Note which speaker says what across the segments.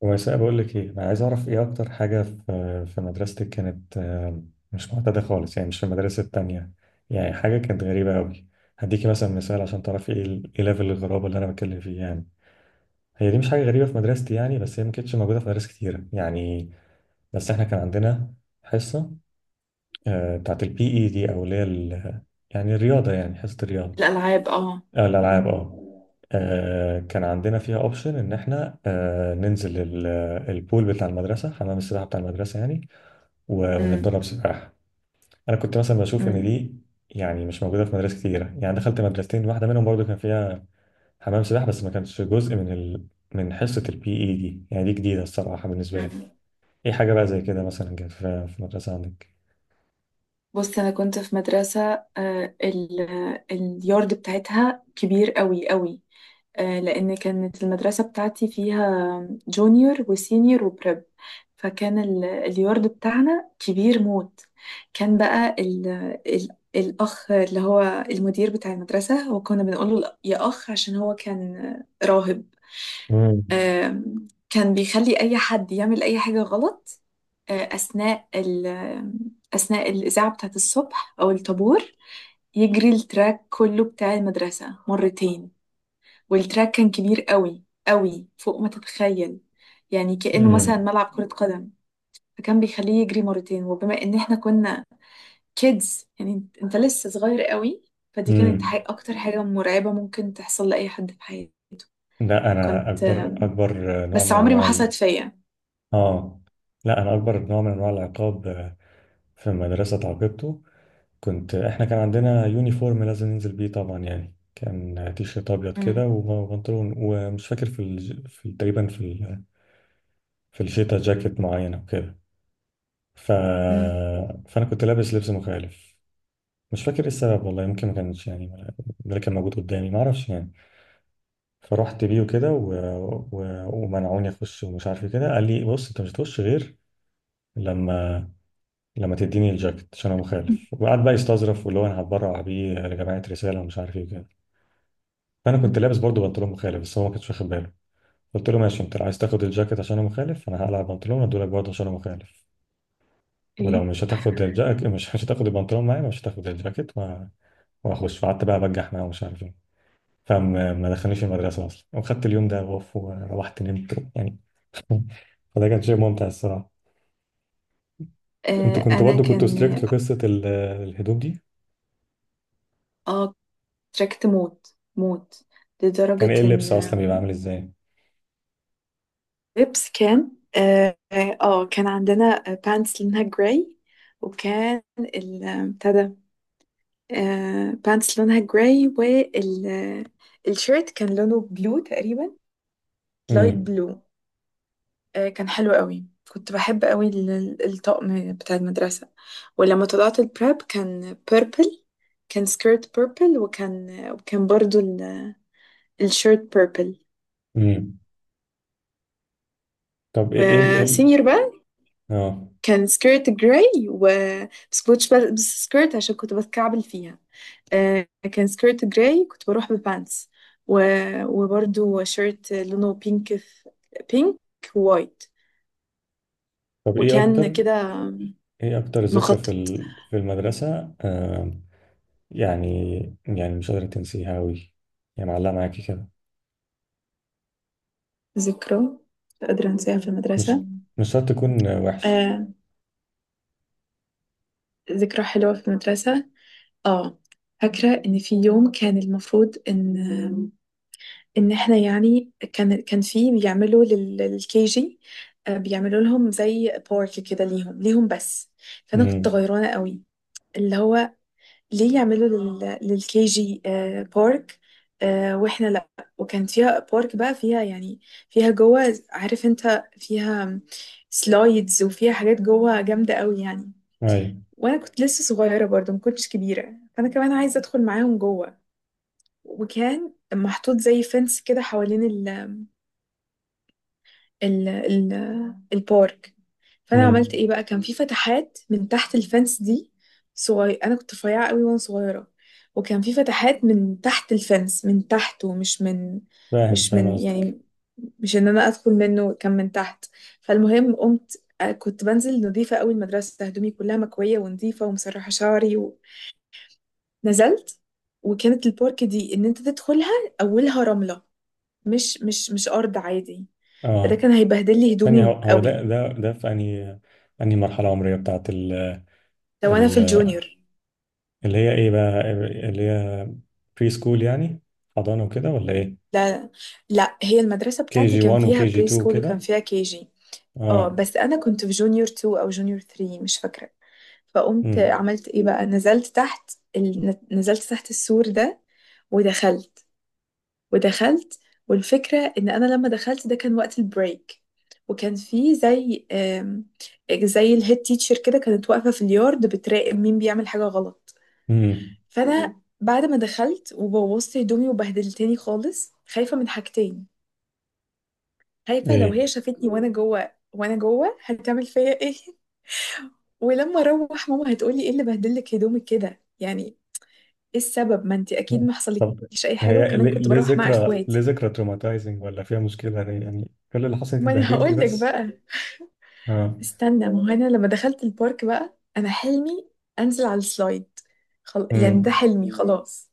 Speaker 1: ويساء بقول لك ايه، انا عايز اعرف ايه اكتر حاجه في مدرستك كانت مش معتاده خالص، يعني مش في المدارس التانية. يعني حاجه كانت غريبه قوي. هديكي مثلا مثال عشان تعرفي ايه ايه ليفل الغرابه اللي انا بتكلم فيه يعني. هي دي مش حاجه غريبه في مدرستي يعني، بس هي ما كانتش موجوده في مدارس كتيره يعني. بس احنا كان عندنا حصه، بتاعت البي اي دي او، اللي هي يعني الرياضه، يعني حصه الرياضه.
Speaker 2: الألعاب، اه.
Speaker 1: آه، الألعاب
Speaker 2: مم.
Speaker 1: اه. كان عندنا فيها اوبشن ان احنا، ننزل البول بتاع المدرسه، حمام السباحه بتاع المدرسه يعني،
Speaker 2: مم.
Speaker 1: ونتدرب سباحه. انا كنت مثلا بشوف ان
Speaker 2: مم.
Speaker 1: دي يعني مش موجوده في مدارس كتيره. يعني دخلت مدرستين، واحده منهم برضو كان فيها حمام سباحه بس ما كانش جزء من من حصه البي اي دي. يعني دي جديده الصراحه بالنسبه لي.
Speaker 2: مم.
Speaker 1: ايه حاجه بقى زي كده مثلا كانت في المدرسه عندك؟
Speaker 2: بص، أنا كنت في مدرسة اليارد بتاعتها كبير قوي قوي، لأن كانت المدرسة بتاعتي فيها جونيور وسينيور وبريب. فكان اليارد بتاعنا كبير موت. كان بقى ال ال الأخ اللي هو المدير بتاع المدرسة، وكنا بنقول له يا أخ عشان هو كان راهب.
Speaker 1: امم.
Speaker 2: كان بيخلي أي حد يعمل أي حاجة غلط أثناء أثناء الإذاعة بتاعت الصبح أو الطابور، يجري التراك كله بتاع المدرسة مرتين. والتراك كان كبير قوي قوي فوق ما تتخيل، يعني كأنه مثلا ملعب كرة قدم. فكان بيخليه يجري مرتين، وبما ان احنا كنا كيدز، يعني انت لسه صغير قوي. فدي كانت
Speaker 1: امم.
Speaker 2: حي اكتر حاجة مرعبة ممكن تحصل لأي حد في حياته.
Speaker 1: لا، انا
Speaker 2: كنت،
Speaker 1: اكبر نوع
Speaker 2: بس
Speaker 1: من
Speaker 2: عمري ما
Speaker 1: انواع.
Speaker 2: حصلت فيا.
Speaker 1: اه. لا، انا اكبر نوع من انواع العقاب في المدرسه اتعاقبته. احنا كان عندنا يونيفورم لازم ننزل بيه طبعا، يعني كان تيشيرت ابيض كده
Speaker 2: مم.
Speaker 1: وبنطلون، ومش فاكر في تقريبا في الشتاء جاكيت معينه وكده. ف...
Speaker 2: مم.
Speaker 1: فانا كنت لابس لبس مخالف. مش فاكر ايه السبب، والله يمكن ما كانش يعني ده اللي كان موجود قدامي، ما اعرفش يعني. فرحت بيه وكده و... ومنعوني اخش، ومش عارف ايه كده، قال لي بص انت مش هتخش غير لما لما تديني الجاكيت عشان انا مخالف، وقعد بقى يستظرف واللي هو انا هتبرع بيه لجماعه رساله ومش عارف ايه وكده. فانا كنت
Speaker 2: مم.
Speaker 1: لابس برضه بنطلون مخالف بس هو ما كانش واخد باله. قلت له ماشي، انت لو عايز تاخد الجاكيت عشان انا مخالف، انا هقلع البنطلون وادولك برضه عشان انا مخالف، ولو
Speaker 2: ايه.
Speaker 1: مش هتاخد الجاكيت، مش مش هتاخد البنطلون معايا، مش هتاخد الجاكيت واخش. فقعدت بقى بجح معاه ومش عارف ايه. فما ما دخلنيش المدرسه اصلا، وخدت اليوم ده غوف وروحت نمت يعني. فده كان شيء ممتع الصراحه.
Speaker 2: آه
Speaker 1: انتوا كنتوا
Speaker 2: انا
Speaker 1: برضه كنتوا ستريكت
Speaker 2: كان،
Speaker 1: في قصه الهدوم دي؟
Speaker 2: اه، تراكت موت موت
Speaker 1: كان
Speaker 2: لدرجة
Speaker 1: ايه اللبس اصلا بيبقى
Speaker 2: ان،
Speaker 1: عامل ازاي؟
Speaker 2: لبس كان، اه، كان عندنا بانتس لونها جراي. وكان بتاع ده، آه، بانتس لونها جراي. والشيرت كان لونه بلو تقريبا، لايت
Speaker 1: امم.
Speaker 2: بلو. آه كان حلو قوي. كنت بحب قوي الطقم بتاع المدرسة. ولما طلعت البراب كان بيربل. كان سكيرت بيربل، وكان برضو الشيرت بيربل.
Speaker 1: امم. طب ايه
Speaker 2: وسينيور بقى،
Speaker 1: اه.
Speaker 2: كان سكيرت جراي، و، بس كنتش بلبس سكيرت عشان كنت بتكعبل فيها. آه، كان سكيرت جراي، كنت بروح ببانس. و... وبرده شيرت لونه بينك، في بينك وايت.
Speaker 1: طب ايه
Speaker 2: وكان
Speaker 1: اكتر
Speaker 2: كده
Speaker 1: ايه اكتر ذكرى
Speaker 2: مخطط.
Speaker 1: في المدرسة يعني يعني مش قادرة تنسيها أوي، يعني معلقة معاكي كده.
Speaker 2: ذكرى مش قادرة أنساها في
Speaker 1: مش
Speaker 2: المدرسة؟
Speaker 1: مش شرط تكون وحشة.
Speaker 2: آه، ذكرى حلوة في المدرسة، اه. فاكرة إن في يوم كان المفروض ان احنا، يعني كان في بيعملوا للكي جي، بيعملوا لهم زي بارك كده، ليهم بس. فانا كنت
Speaker 1: امم.
Speaker 2: غيرانه قوي، اللي هو ليه يعملوا للكي جي، بارك، واحنا لا. وكان فيها بارك بقى، فيها يعني، فيها جوه، عارف انت، فيها سلايدز وفيها حاجات جوه جامده قوي يعني.
Speaker 1: ايوه.
Speaker 2: وانا كنت لسه صغيره برضو، ما كنتش كبيره، فانا كمان عايزه ادخل معاهم جوه. وكان محطوط زي فنس كده حوالين ال ال البارك. فانا عملت
Speaker 1: امم.
Speaker 2: ايه بقى، كان في فتحات من تحت الفence دي. صغير، انا كنت رفيعه قوي وانا صغيره. وكان في فتحات من تحت الفence، من تحت ومش من،
Speaker 1: فاهم،
Speaker 2: مش
Speaker 1: فاهم
Speaker 2: من
Speaker 1: قصدك.
Speaker 2: يعني، مش ان انا ادخل منه، كان من تحت. فالمهم قمت، كنت بنزل نظيفه قوي المدرسه، هدومي كلها مكويه ونظيفه ومسرحه شعري. ونزلت. وكانت البارك دي ان انت تدخلها، اولها رمله، مش ارض عادي. فده
Speaker 1: اه.
Speaker 2: كان هيبهدل لي
Speaker 1: ثانية، هو
Speaker 2: هدومي
Speaker 1: هو
Speaker 2: قوي.
Speaker 1: ده في انهي مرحلة عمرية بتاعت ال
Speaker 2: ده وانا في
Speaker 1: ال
Speaker 2: الجونيور.
Speaker 1: اللي هي ايه بقى، اللي هي بري سكول يعني، حضانة وكده ولا ايه؟
Speaker 2: لا، لا، هي المدرسة
Speaker 1: كي
Speaker 2: بتاعتي
Speaker 1: جي
Speaker 2: كان
Speaker 1: 1
Speaker 2: فيها
Speaker 1: وكي جي
Speaker 2: بري
Speaker 1: 2
Speaker 2: سكول وكان
Speaker 1: وكده.
Speaker 2: فيها كي جي. اه،
Speaker 1: اه.
Speaker 2: بس انا كنت في جونيور 2 او جونيور 3، مش فاكرة. فقمت
Speaker 1: امم.
Speaker 2: عملت ايه بقى، نزلت تحت السور ده. ودخلت ودخلت. والفكرة ان انا لما دخلت، ده كان وقت البريك. وكان في زي، زي الهيد تيتشر كده، كانت واقفة في اليارد بتراقب مين بيعمل حاجة غلط.
Speaker 1: امم.
Speaker 2: فانا بعد ما دخلت وبوظت هدومي وبهدلتني خالص، خايفه من حاجتين. خايفه لو
Speaker 1: ايه.
Speaker 2: هي شافتني وانا جوه، هتعمل فيا ايه. ولما اروح ماما هتقولي ايه اللي بهدلك هدومك كده، يعني ايه السبب، ما انت اكيد ما
Speaker 1: طب
Speaker 2: حصلكيش اي حاجه،
Speaker 1: هي
Speaker 2: وكمان
Speaker 1: ليه
Speaker 2: كنت
Speaker 1: ليه
Speaker 2: بروح مع
Speaker 1: ذكرى، ليه
Speaker 2: اخواتي.
Speaker 1: ذكرى تروماتايزنج ولا فيها مشكلة ليه؟ يعني كل اللي حصل انت
Speaker 2: ما انا
Speaker 1: اتبهدلتي
Speaker 2: هقول لك
Speaker 1: بس.
Speaker 2: بقى.
Speaker 1: اه.
Speaker 2: استنى، ما هو انا لما دخلت البارك بقى، انا حلمي انزل على السلايد. يعني ده
Speaker 1: امم.
Speaker 2: حلمي، خلاص.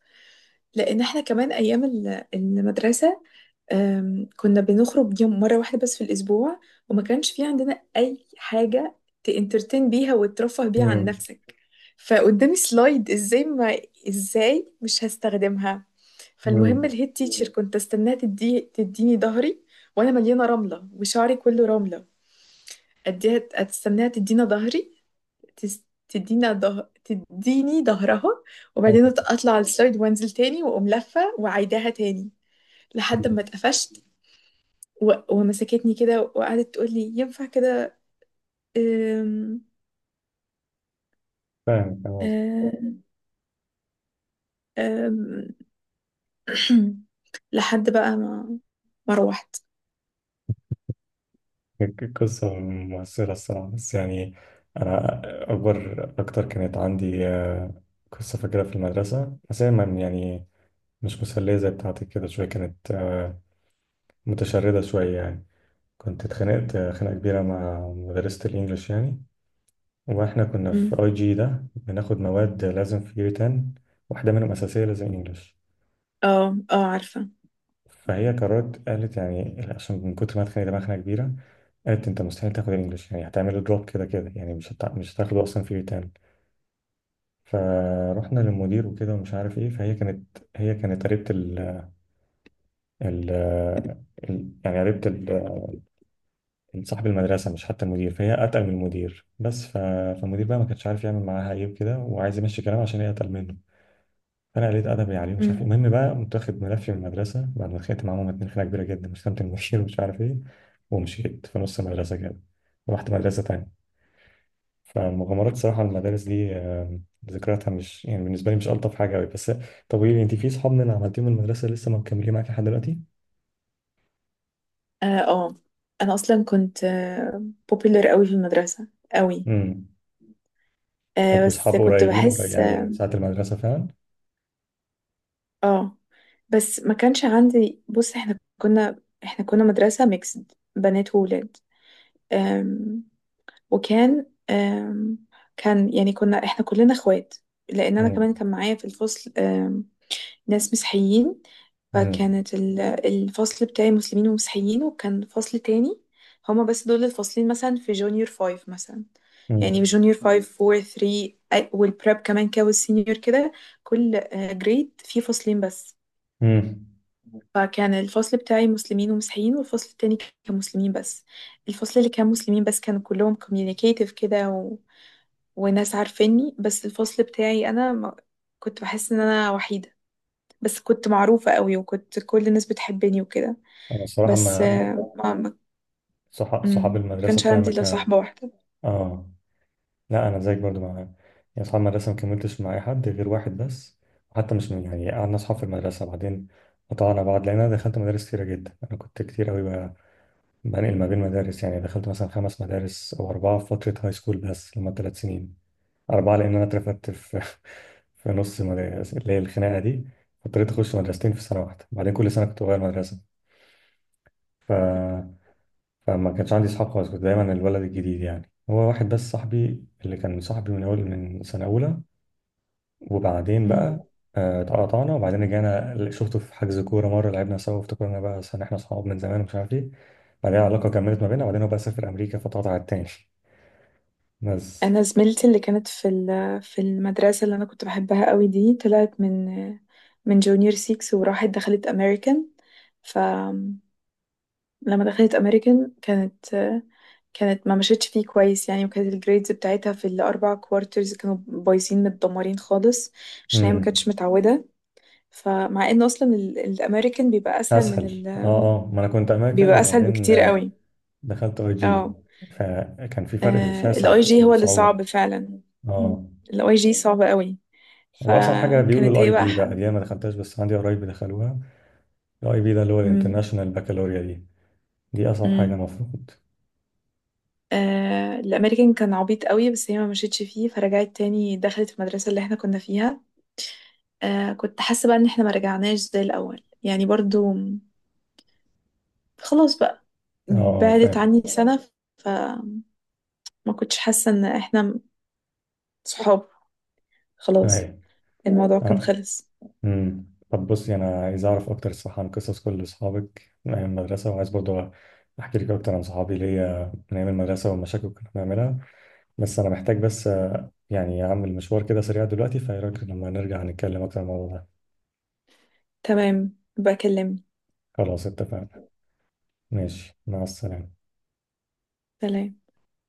Speaker 2: لان احنا كمان ايام المدرسه، كنا بنخرج يوم مرة واحدة بس في الأسبوع. وما كانش في عندنا أي حاجة تانترتين بيها وترفه بيها عن
Speaker 1: امم.
Speaker 2: نفسك. فقدامي سلايد، ازاي ما، ازاي مش هستخدمها؟ فالمهم
Speaker 1: امم.
Speaker 2: الهيد تيتشر كنت استناها تديني ظهري وانا مليانه رمله وشعري كله رمله. اديها استناها تدينا ظهري، تس- تدينا ظهر تديني ظهرها، وبعدين
Speaker 1: فاهم،
Speaker 2: اطلع على السلايد وانزل تاني، واقوم لفه وعيداها تاني، لحد ما اتقفشت. ومسكتني كده وقعدت تقول لي ينفع كده. أم...
Speaker 1: فاهم
Speaker 2: أم... أم... لحد بقى ما، ما روحت.
Speaker 1: قصدك. قصة مؤثرة الصراحة بس يعني. أنا أكبر أكتر كانت عندي قصة فاكرها في المدرسة، بس هي يعني مش مسلية زي بتاعتك كده، شوية كانت متشردة شوية يعني. كنت اتخانقت خناقة كبيرة مع مدرسة الإنجليش يعني. واحنا كنا
Speaker 2: أم.
Speaker 1: في اي جي ده بناخد مواد لازم في year 10، واحدة منهم أساسية لازم انجلش.
Speaker 2: اه اه، عارفة.
Speaker 1: فهي قررت قالت يعني، عشان من كتر ما اتخانق دماغنا كبيرة، قالت انت مستحيل تاخد الانجلش، يعني هتعمله دروب كده كده، يعني مش هتاخده اصلا في year 10. فروحنا للمدير وكده ومش عارف ايه. فهي كانت قريبة ال... ال... يعني قريبة صاحب المدرسة، مش حتى المدير. فهي أتقل من المدير بس فالمدير بقى ما كانش عارف يعمل معاها ايه وكده، وعايز يمشي كلام عشان هي أتقل منه. انا قليل ادبي عليه مش عارف إيه.
Speaker 2: أم.
Speaker 1: المهم بقى قمت واخد ملفي من المدرسه بعد ما اتخانقت معاهم اتنين خناقه كبيره جدا، شتمت المدير ومش عارف ايه، ومشيت في نص المدرسه كده ورحت مدرسه تانية. فالمغامرات صراحه المدارس دي، ذكرياتها مش يعني بالنسبه لي مش الطف حاجه قوي بس. طب قولي لي، انت في صحاب من عملتيهم من المدرسه لسه مكملين معاك لحد دلوقتي؟
Speaker 2: اه. آه، انا اصلا كنت بوبيلر قوي في المدرسة، قوي.
Speaker 1: امم. طب
Speaker 2: آه
Speaker 1: واصحاب
Speaker 2: بس كنت
Speaker 1: قريبين، قريب
Speaker 2: بحس
Speaker 1: يعني من
Speaker 2: اه.
Speaker 1: ساعه المدرسه فعلا؟
Speaker 2: آه، بس ما كانش عندي، بص، احنا كنا مدرسة ميكسد، بنات وولاد. وكان، كان يعني كنا احنا كلنا اخوات، لان انا
Speaker 1: امم.
Speaker 2: كمان كان معايا في الفصل، ناس مسيحيين.
Speaker 1: امم.
Speaker 2: فكانت الفصل بتاعي مسلمين ومسيحيين، وكان فصل تاني، هما بس دول الفاصلين مثلا في جونيور فايف مثلا. يعني
Speaker 1: امم.
Speaker 2: جونيور فايف، فور، ثري، والبريب كمان كده، والسينيور كده، كل جريد فيه فصلين بس.
Speaker 1: امم.
Speaker 2: فكان الفصل بتاعي مسلمين ومسيحيين، والفصل التاني كان مسلمين بس. الفصل اللي كان مسلمين بس كانوا كلهم communicative كده، وناس عارفيني، بس الفصل بتاعي انا ما، كنت بحس ان انا وحيدة، بس كنت معروفة قوي وكنت كل الناس بتحبني وكده.
Speaker 1: انا الصراحه
Speaker 2: بس
Speaker 1: ما
Speaker 2: آه، ما ما
Speaker 1: صح- صحاب
Speaker 2: ما
Speaker 1: المدرسه
Speaker 2: كانش
Speaker 1: بتوعي ما
Speaker 2: عندي الا
Speaker 1: كان.
Speaker 2: صاحبة واحدة.
Speaker 1: اه. لا انا زيك برضو، مع يعني اصحاب المدرسه ما كملتش مع اي حد غير واحد بس. وحتى مش من يعني قعدنا اصحاب في المدرسه بعدين قطعنا بعض، لان انا دخلت مدارس كتيره جدا. انا كنت كتير قوي بقى بنقل ما بين مدارس. يعني دخلت مثلا خمس مدارس او اربعه في فتره هاي سكول، بس لما ثلاث سنين، اربعه، لان انا اترفدت في في نص مدارس اللي هي الخناقه دي. اضطريت اخش مدرستين في سنه واحده، بعدين كل سنه كنت بغير مدرسه. ف... فما كانش عندي اصحاب خالص، كنت دايما الولد الجديد يعني. هو واحد بس صاحبي اللي كان صاحبي من سنه اولى، وبعدين
Speaker 2: مم.
Speaker 1: بقى اتقطعنا، وبعدين رجعنا شفته في حجز كورة مرة، لعبنا سوا وافتكرنا بقى عشان احنا صحاب من زمان ومش عارف ايه. بعدين العلاقة كملت ما بيننا، وبعدين هو بقى سافر أمريكا فاتقطع التاني بس.
Speaker 2: انا زميلتي اللي كانت في في المدرسة اللي انا كنت بحبها قوي دي، طلعت من جونيور 6، وراحت دخلت امريكان. ف لما دخلت امريكان، كانت ما مشيتش فيه كويس يعني، وكانت الجريدز بتاعتها في الاربع كوارترز كانوا بايظين متدمرين خالص، عشان هي ما كانتش
Speaker 1: امم.
Speaker 2: متعوده. فمع ان اصلا الامريكان
Speaker 1: أسهل، اه اه، ما أنا كنت أمريكان
Speaker 2: بيبقى اسهل
Speaker 1: وبعدين
Speaker 2: بكتير قوي.
Speaker 1: دخلت أي جي
Speaker 2: اه.
Speaker 1: فكان في فرق شاسع
Speaker 2: الاي
Speaker 1: في
Speaker 2: جي هو اللي
Speaker 1: الصعوبة.
Speaker 2: صعب فعلا،
Speaker 1: اه.
Speaker 2: الاي جي صعب قوي.
Speaker 1: وأصعب حاجة بيقولوا
Speaker 2: فكانت هي
Speaker 1: الأي
Speaker 2: بقى
Speaker 1: بي
Speaker 2: حق.
Speaker 1: بقى، دي أنا ما دخلتهاش بس عندي قرايب دخلوها. الأي بي ده اللي هو
Speaker 2: مم.
Speaker 1: الانترناشونال بكالوريا دي أصعب حاجة
Speaker 2: مم.
Speaker 1: المفروض.
Speaker 2: آه، الامريكان كان عبيط قوي، بس هي ما مشيتش فيه، فرجعت تاني دخلت المدرسة اللي احنا كنا فيها. آه، كنت حاسة بقى ان احنا ما رجعناش زي الاول يعني برضو، خلاص بقى،
Speaker 1: اه اه
Speaker 2: بعدت
Speaker 1: فاهم.
Speaker 2: عني سنة. فما كنتش حاسة ان احنا صحاب، خلاص،
Speaker 1: أيوة.
Speaker 2: الموضوع كان
Speaker 1: آه.
Speaker 2: خلص.
Speaker 1: امم. طب بصي انا عايز اعرف اكتر الصراحه عن قصص كل اصحابك من ايام المدرسه، وعايز برضه احكي لك اكتر عن صحابي ليا من ايام المدرسه والمشاكل اللي كنا بنعملها. بس انا محتاج بس يعني اعمل مشوار كده سريع دلوقتي، فايه رايك لما نرجع نتكلم اكتر عن الموضوع ده؟
Speaker 2: تمام، بكلمني.
Speaker 1: خلاص اتفقنا. ماشي مع السلامه.
Speaker 2: سلام.